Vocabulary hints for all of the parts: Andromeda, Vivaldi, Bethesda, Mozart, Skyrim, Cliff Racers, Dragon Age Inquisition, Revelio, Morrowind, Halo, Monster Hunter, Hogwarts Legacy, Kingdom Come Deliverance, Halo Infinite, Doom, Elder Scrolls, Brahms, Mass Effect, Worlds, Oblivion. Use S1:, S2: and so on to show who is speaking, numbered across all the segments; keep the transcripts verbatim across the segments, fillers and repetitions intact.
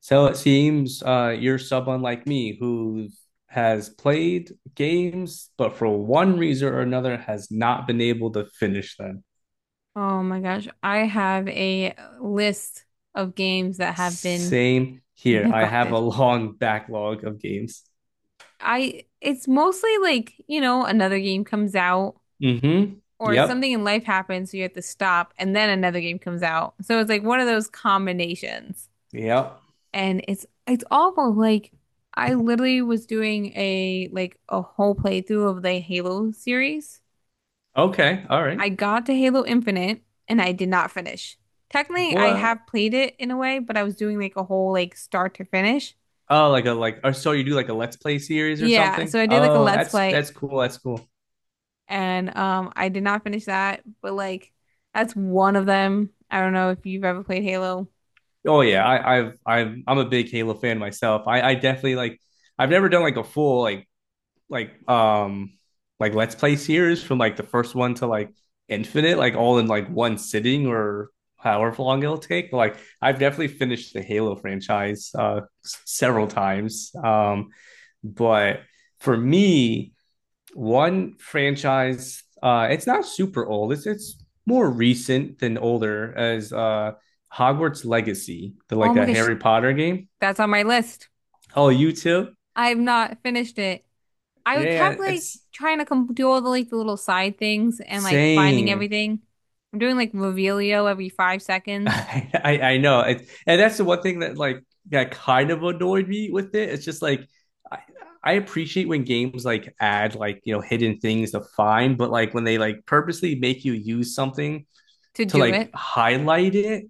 S1: So it seems uh, you're someone like me who has played games, but for one reason or another has not been able to finish them.
S2: Oh my gosh, I have a list of games that have been
S1: Same here. I have a
S2: neglected.
S1: long backlog of games.
S2: I it's mostly like, you know, another game comes out
S1: Mm-hmm.
S2: or
S1: Yep.
S2: something in life happens, so you have to stop and then another game comes out. So it's like one of those combinations.
S1: Yep.
S2: And it's it's awful. Like I literally was doing a like a whole playthrough of the Halo series.
S1: Okay. All right.
S2: I got to Halo Infinite and I did not finish. Technically, I
S1: What?
S2: have played it in a way, but I was doing like a whole like start to finish.
S1: Oh, like a like. Or so you do like a Let's Play series or
S2: Yeah,
S1: something?
S2: so I did like a
S1: Oh,
S2: Let's
S1: that's
S2: Play
S1: that's cool. That's cool.
S2: and um I did not finish that, but like that's one of them. I don't know if you've ever played Halo.
S1: Oh yeah. I, I've I've I'm a big Halo fan myself. I I definitely like. I've never done like a full like like um like Let's Play series from like the first one to like Infinite, like all in like one sitting or however long it'll take. But, like I've definitely finished the Halo franchise uh several times. Um but for me, one franchise uh it's not super old. It's it's more recent than older as uh Hogwarts Legacy, the
S2: Oh
S1: like
S2: my
S1: a
S2: gosh,
S1: Harry Potter game.
S2: that's on my list.
S1: Oh, you too?
S2: I've not finished it. I kept
S1: Yeah,
S2: like
S1: it's
S2: trying to com do all the like the little side things and like finding
S1: same.
S2: everything. I'm doing like Revelio every five seconds
S1: I, I I know, it, and that's the one thing that like that kind of annoyed me with it. It's just like I, I appreciate when games like add like you know hidden things to find, but like when they like purposely make you use something
S2: to
S1: to
S2: do
S1: like
S2: it.
S1: highlight it,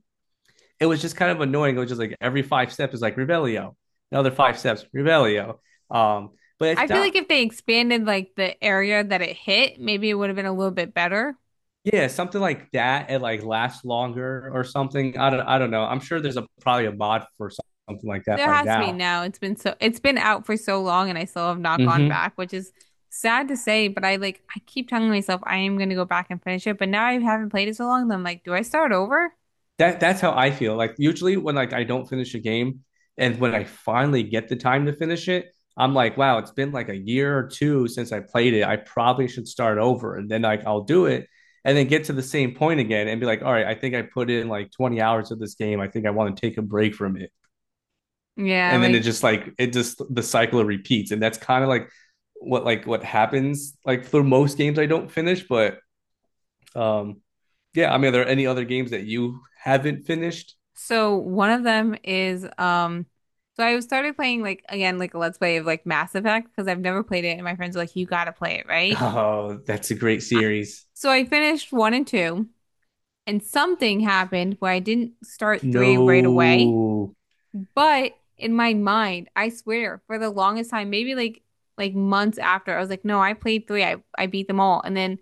S1: it was just kind of annoying. It was just like every five steps is like Revelio, another five steps Revelio. Um, but it's
S2: I feel
S1: not.
S2: like if they expanded like the area that it hit, maybe it would have been a little bit better.
S1: Yeah, something like that. It like lasts longer or something. I don't I don't know. I'm sure there's a probably a mod for something like that
S2: There
S1: by
S2: has to be
S1: now.
S2: now. It's been so it's been out for so long and I still have not gone
S1: Hmm.
S2: back, which is sad to say, but I like I keep telling myself I am gonna go back and finish it, but now I haven't played it so long that I'm like, do I start over?
S1: That that's how I feel. Like usually when like I don't finish a game and when I finally get the time to finish it, I'm like, wow, it's been like a year or two since I played it. I probably should start over and then like I'll do it and then get to the same point again and be like, all right, I think I put in like twenty hours of this game. I think I want to take a break from it.
S2: Yeah,
S1: And then it
S2: like
S1: just like it just the cycle repeats. And that's kind of like what like what happens like for most games I don't finish, but um yeah, I mean, are there any other games that you haven't finished?
S2: so one of them is um so I started playing like again like a Let's Play of like Mass Effect because I've never played it and my friends are like, you gotta play it, right?
S1: Oh, that's a great series.
S2: So I finished one and two. And something happened where I didn't start three right away,
S1: No.
S2: but in my mind, I swear, for the longest time, maybe like like months after, I was like, no, I played three. I I beat them all. And then,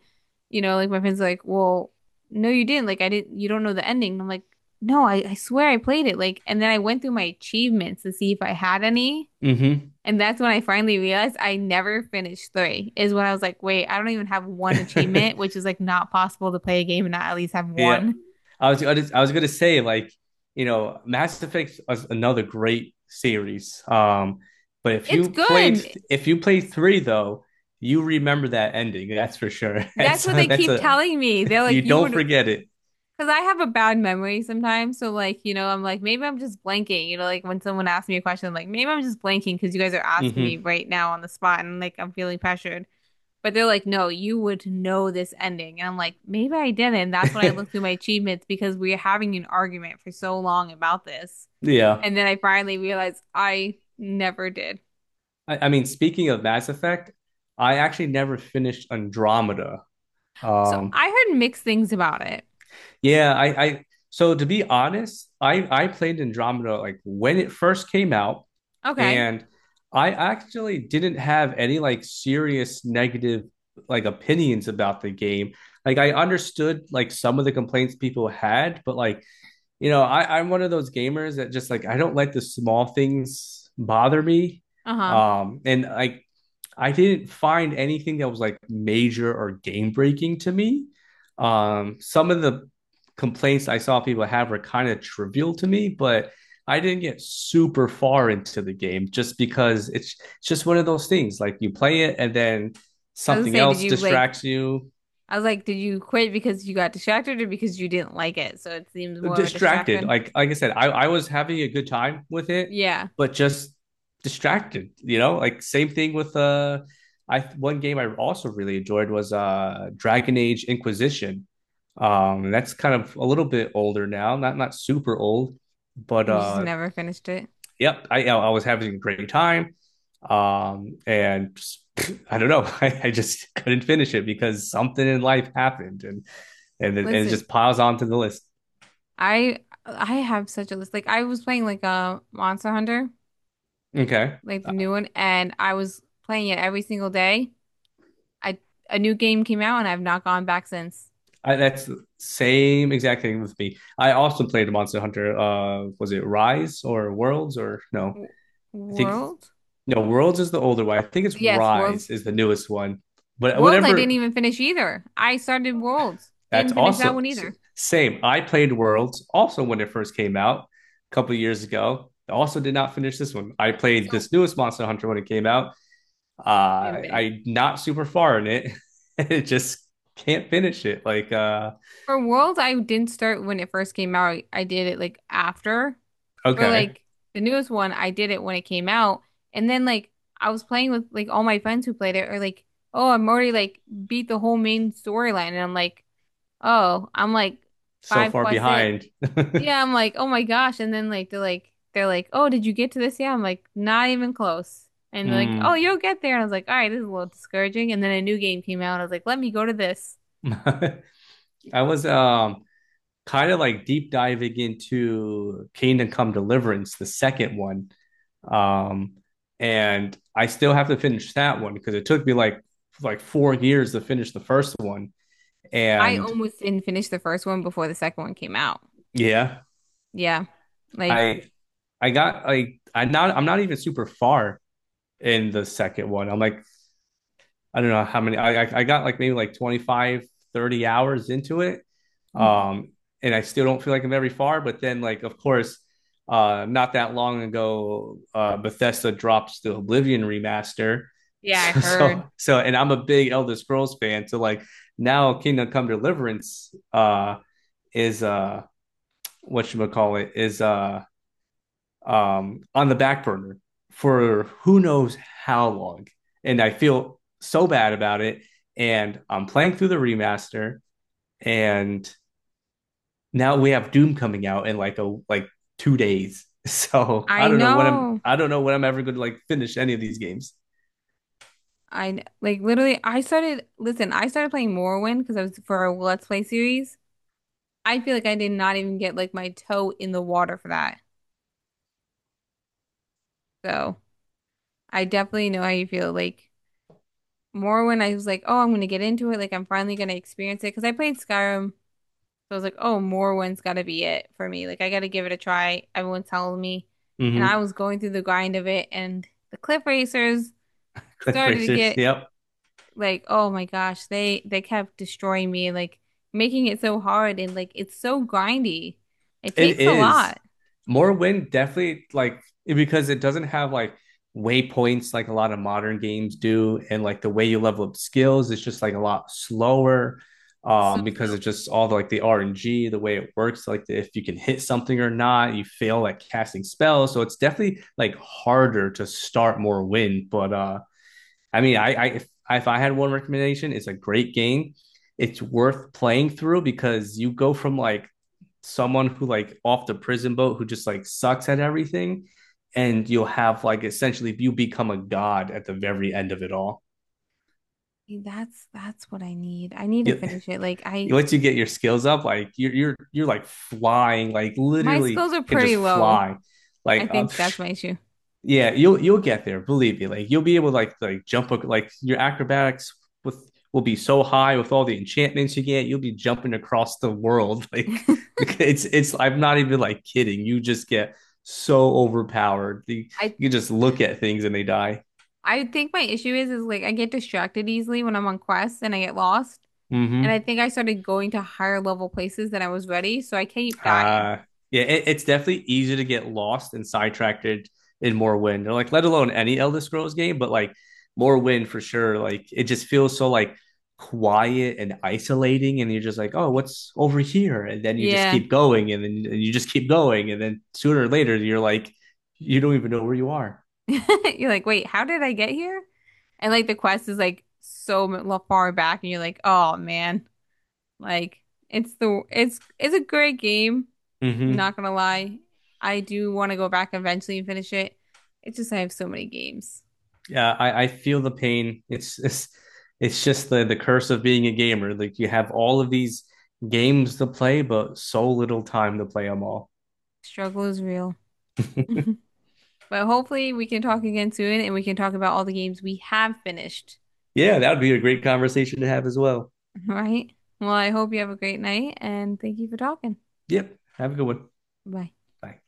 S2: you know, like my friends are like, well, no, you didn't. Like I didn't. You don't know the ending. And I'm like, no, I I swear I played it. Like, and then I went through my achievements to see if I had any.
S1: Mm-hmm.
S2: And that's when I finally realized I never finished three, is when I was like, wait, I don't even have one achievement, which is like not possible to play a game and not at least have
S1: Yeah.
S2: one.
S1: I was I was, I was going to say like, you know, Mass Effect was another great series. Um but if
S2: It's
S1: you played
S2: good.
S1: if you played three though, you remember that ending, that's for sure.
S2: That's
S1: that's
S2: what they
S1: that's
S2: keep
S1: a
S2: telling me. They're
S1: You
S2: like, you would,
S1: don't forget
S2: because
S1: it.
S2: I have a bad memory sometimes. So, like, you know, I'm like, maybe I'm just blanking. You know, like when someone asks me a question, I'm like, maybe I'm just blanking because you guys are asking me
S1: Mm-hmm.
S2: right now on the spot and like I'm feeling pressured. But they're like, no, you would know this ending. And I'm like, maybe I didn't. That's when I look through my achievements because we're having an argument for so long about this.
S1: Yeah.
S2: And then I finally realized I never did.
S1: I, I mean, speaking of Mass Effect, I actually never finished Andromeda.
S2: So
S1: Um
S2: I heard mixed things about it.
S1: Yeah, I, I so to be honest, I I played Andromeda like when it first came out,
S2: Okay.
S1: and I actually didn't have any like serious negative like opinions about the game. Like I understood like some of the complaints people had, but like, you know, I, I'm one of those gamers that just like I don't let the small things bother me.
S2: Uh-huh.
S1: Um, and like I didn't find anything that was like major or game breaking to me. Um, some of the complaints I saw people have were kind of trivial to me, but I didn't get super far into the game just because it's, it's just one of those things. Like you play it and then
S2: I was
S1: something
S2: gonna say, did
S1: else
S2: you like
S1: distracts you,
S2: I was like, did you quit because you got distracted or because you didn't like it? So it seems more of a
S1: distracted.
S2: distraction.
S1: Like like I said, I, I was having a good time with it,
S2: Yeah.
S1: but just distracted. You know, like same thing with uh, I one game I also really enjoyed was uh Dragon Age Inquisition. Um, that's kind of a little bit older now, not not super old, but
S2: And you just
S1: uh,
S2: never finished it.
S1: yep, I I was having a great time. Um, and just, I don't know, I, I just couldn't finish it because something in life happened, and and it- and it
S2: Listen,
S1: just piles onto the list.
S2: I I have such a list. Like I was playing like a Monster Hunter,
S1: Okay.
S2: like the new one, and I was playing it every single day. I a new game came out and I've not gone back since.
S1: I, that's the same exact thing with me. I also played Monster Hunter. Uh, was it Rise or Worlds or no?
S2: W
S1: I think
S2: World?
S1: no. Worlds is the older one. I think it's
S2: Yes,
S1: Rise
S2: Worlds.
S1: is the newest one. But
S2: Worlds I
S1: whatever,
S2: didn't even finish either. I started Worlds.
S1: that's
S2: Didn't finish that
S1: also
S2: one
S1: s-
S2: either.
S1: same. I played Worlds also when it first came out a couple of years ago. Also did not finish this one. I played
S2: So
S1: this newest Monster Hunter when it came out. Uh,
S2: you didn't finish.
S1: I not super far in it. It just can't finish it. Like uh,
S2: For Worlds, I didn't start when it first came out. I, I did it like after. For
S1: okay,
S2: like the newest one, I did it when it came out. And then like I was playing with like all my friends who played it are like, oh, I'm already like beat the whole main storyline. And I'm like, oh, I'm like
S1: so
S2: five
S1: far
S2: quests in.
S1: behind.
S2: Yeah, I'm like, oh my gosh. And then like they're like they're like, oh, did you get to this? Yeah, I'm like, not even close. And they're like, oh,
S1: Mm.
S2: you'll get there. And I was like, all right, this is a little discouraging. And then a new game came out. I was like, let me go to this.
S1: I was um kind of like deep diving into Kingdom Come Deliverance, the second one. Um, and I still have to finish that one because it took me like like four years to finish the first one.
S2: I
S1: And
S2: almost didn't finish the first one before the second one came out.
S1: yeah,
S2: Yeah. Like,
S1: I I got like I not I'm not even super far in the second one. I'm like I don't know how many I I, got like maybe like twenty five thirty hours into it.
S2: mhm.
S1: Um, and I still don't feel like I'm very far. But then, like, of course, uh, not that long ago, uh, Bethesda drops the Oblivion remaster.
S2: Yeah, I
S1: So,
S2: heard.
S1: so, so, and I'm a big Elder Scrolls fan. So, like, now Kingdom Come Deliverance uh, is uh, what you would call it is uh, um, on the back burner for who knows how long. And I feel so bad about it. And I'm playing through the remaster, and now we have Doom coming out in like a like two days. So I
S2: I
S1: don't know when I'm
S2: know.
S1: I don't know when I'm ever going to like finish any of these games.
S2: I kn- like literally I started listen, I started playing Morrowind because I was for a Let's Play series. I feel like I did not even get like my toe in the water for that. So I definitely know how you feel. Like Morrowind, I was like, oh, I'm gonna get into it. Like I'm finally gonna experience it because I played Skyrim. So I was like, oh, Morwin's gotta be it for me. Like I gotta give it a try. Everyone's telling me. And I
S1: Mm-hmm.
S2: was going through the grind of it and the Cliff Racers
S1: Cliff
S2: started to
S1: Racers.
S2: get
S1: Yep.
S2: like, oh my gosh, they they kept destroying me, like making it so hard and like it's so grindy. It
S1: It
S2: takes a
S1: is.
S2: lot.
S1: More Wind definitely like because it doesn't have like waypoints like a lot of modern games do, and like the way you level up skills is just like a lot slower.
S2: So
S1: Um, because
S2: slow.
S1: of just all the like the R N G, the way it works, like the, if you can hit something or not, you fail at casting spells. So it's definitely like harder to start more win, but uh I mean, I, I if, if I had one recommendation, it's a great game. It's worth playing through because you go from like someone who like off the prison boat who just like sucks at everything, and you'll have like essentially you become a god at the very end of it all.
S2: That's that's what I need. I need to
S1: You,
S2: finish it. Like I
S1: Once you get your skills up, like you're you're you're like flying, like
S2: my
S1: literally
S2: skills are
S1: can
S2: pretty
S1: just
S2: low.
S1: fly.
S2: I
S1: Like uh,
S2: think that's my issue.
S1: Yeah, you'll you'll get there, believe me. Like you'll be able to like like jump ac- like your acrobatics with will be so high with all the enchantments you get, you'll be jumping across the world. Like it's it's I'm not even like kidding. You just get so overpowered. You,
S2: I
S1: you just look at things and they die.
S2: I think my issue is is like I get distracted easily when I'm on quests and I get lost.
S1: Hmm.
S2: And I think I started going to higher level places than I was ready, so I keep dying.
S1: Uh, yeah, it, it's definitely easy to get lost and sidetracked in more wind, or like let alone any Elder Scrolls game, but like more wind for sure. Like it just feels so like quiet and isolating, and you're just like, oh, what's over here? And then you just
S2: Yeah.
S1: keep going, and then and you just keep going, and then sooner or later you're like, you don't even know where you are.
S2: You're like, wait, how did I get here? And like the quest is like so m- far back, and you're like, oh man, like it's the it's it's a great game.
S1: Mm-hmm.
S2: Not gonna lie, I do want to go back eventually and finish it. It's just I have so many games.
S1: Yeah, I, I feel the pain. It's it's it's just the the curse of being a gamer. Like you have all of these games to play, but so little time to play them all.
S2: Struggle is real. But hopefully we can talk again soon and we can talk about all the games we have finished.
S1: Yeah, that would be a great conversation to have as well.
S2: Right? Well, I hope you have a great night and thank you for talking.
S1: Yep. Have a good one.
S2: Bye.
S1: Bye.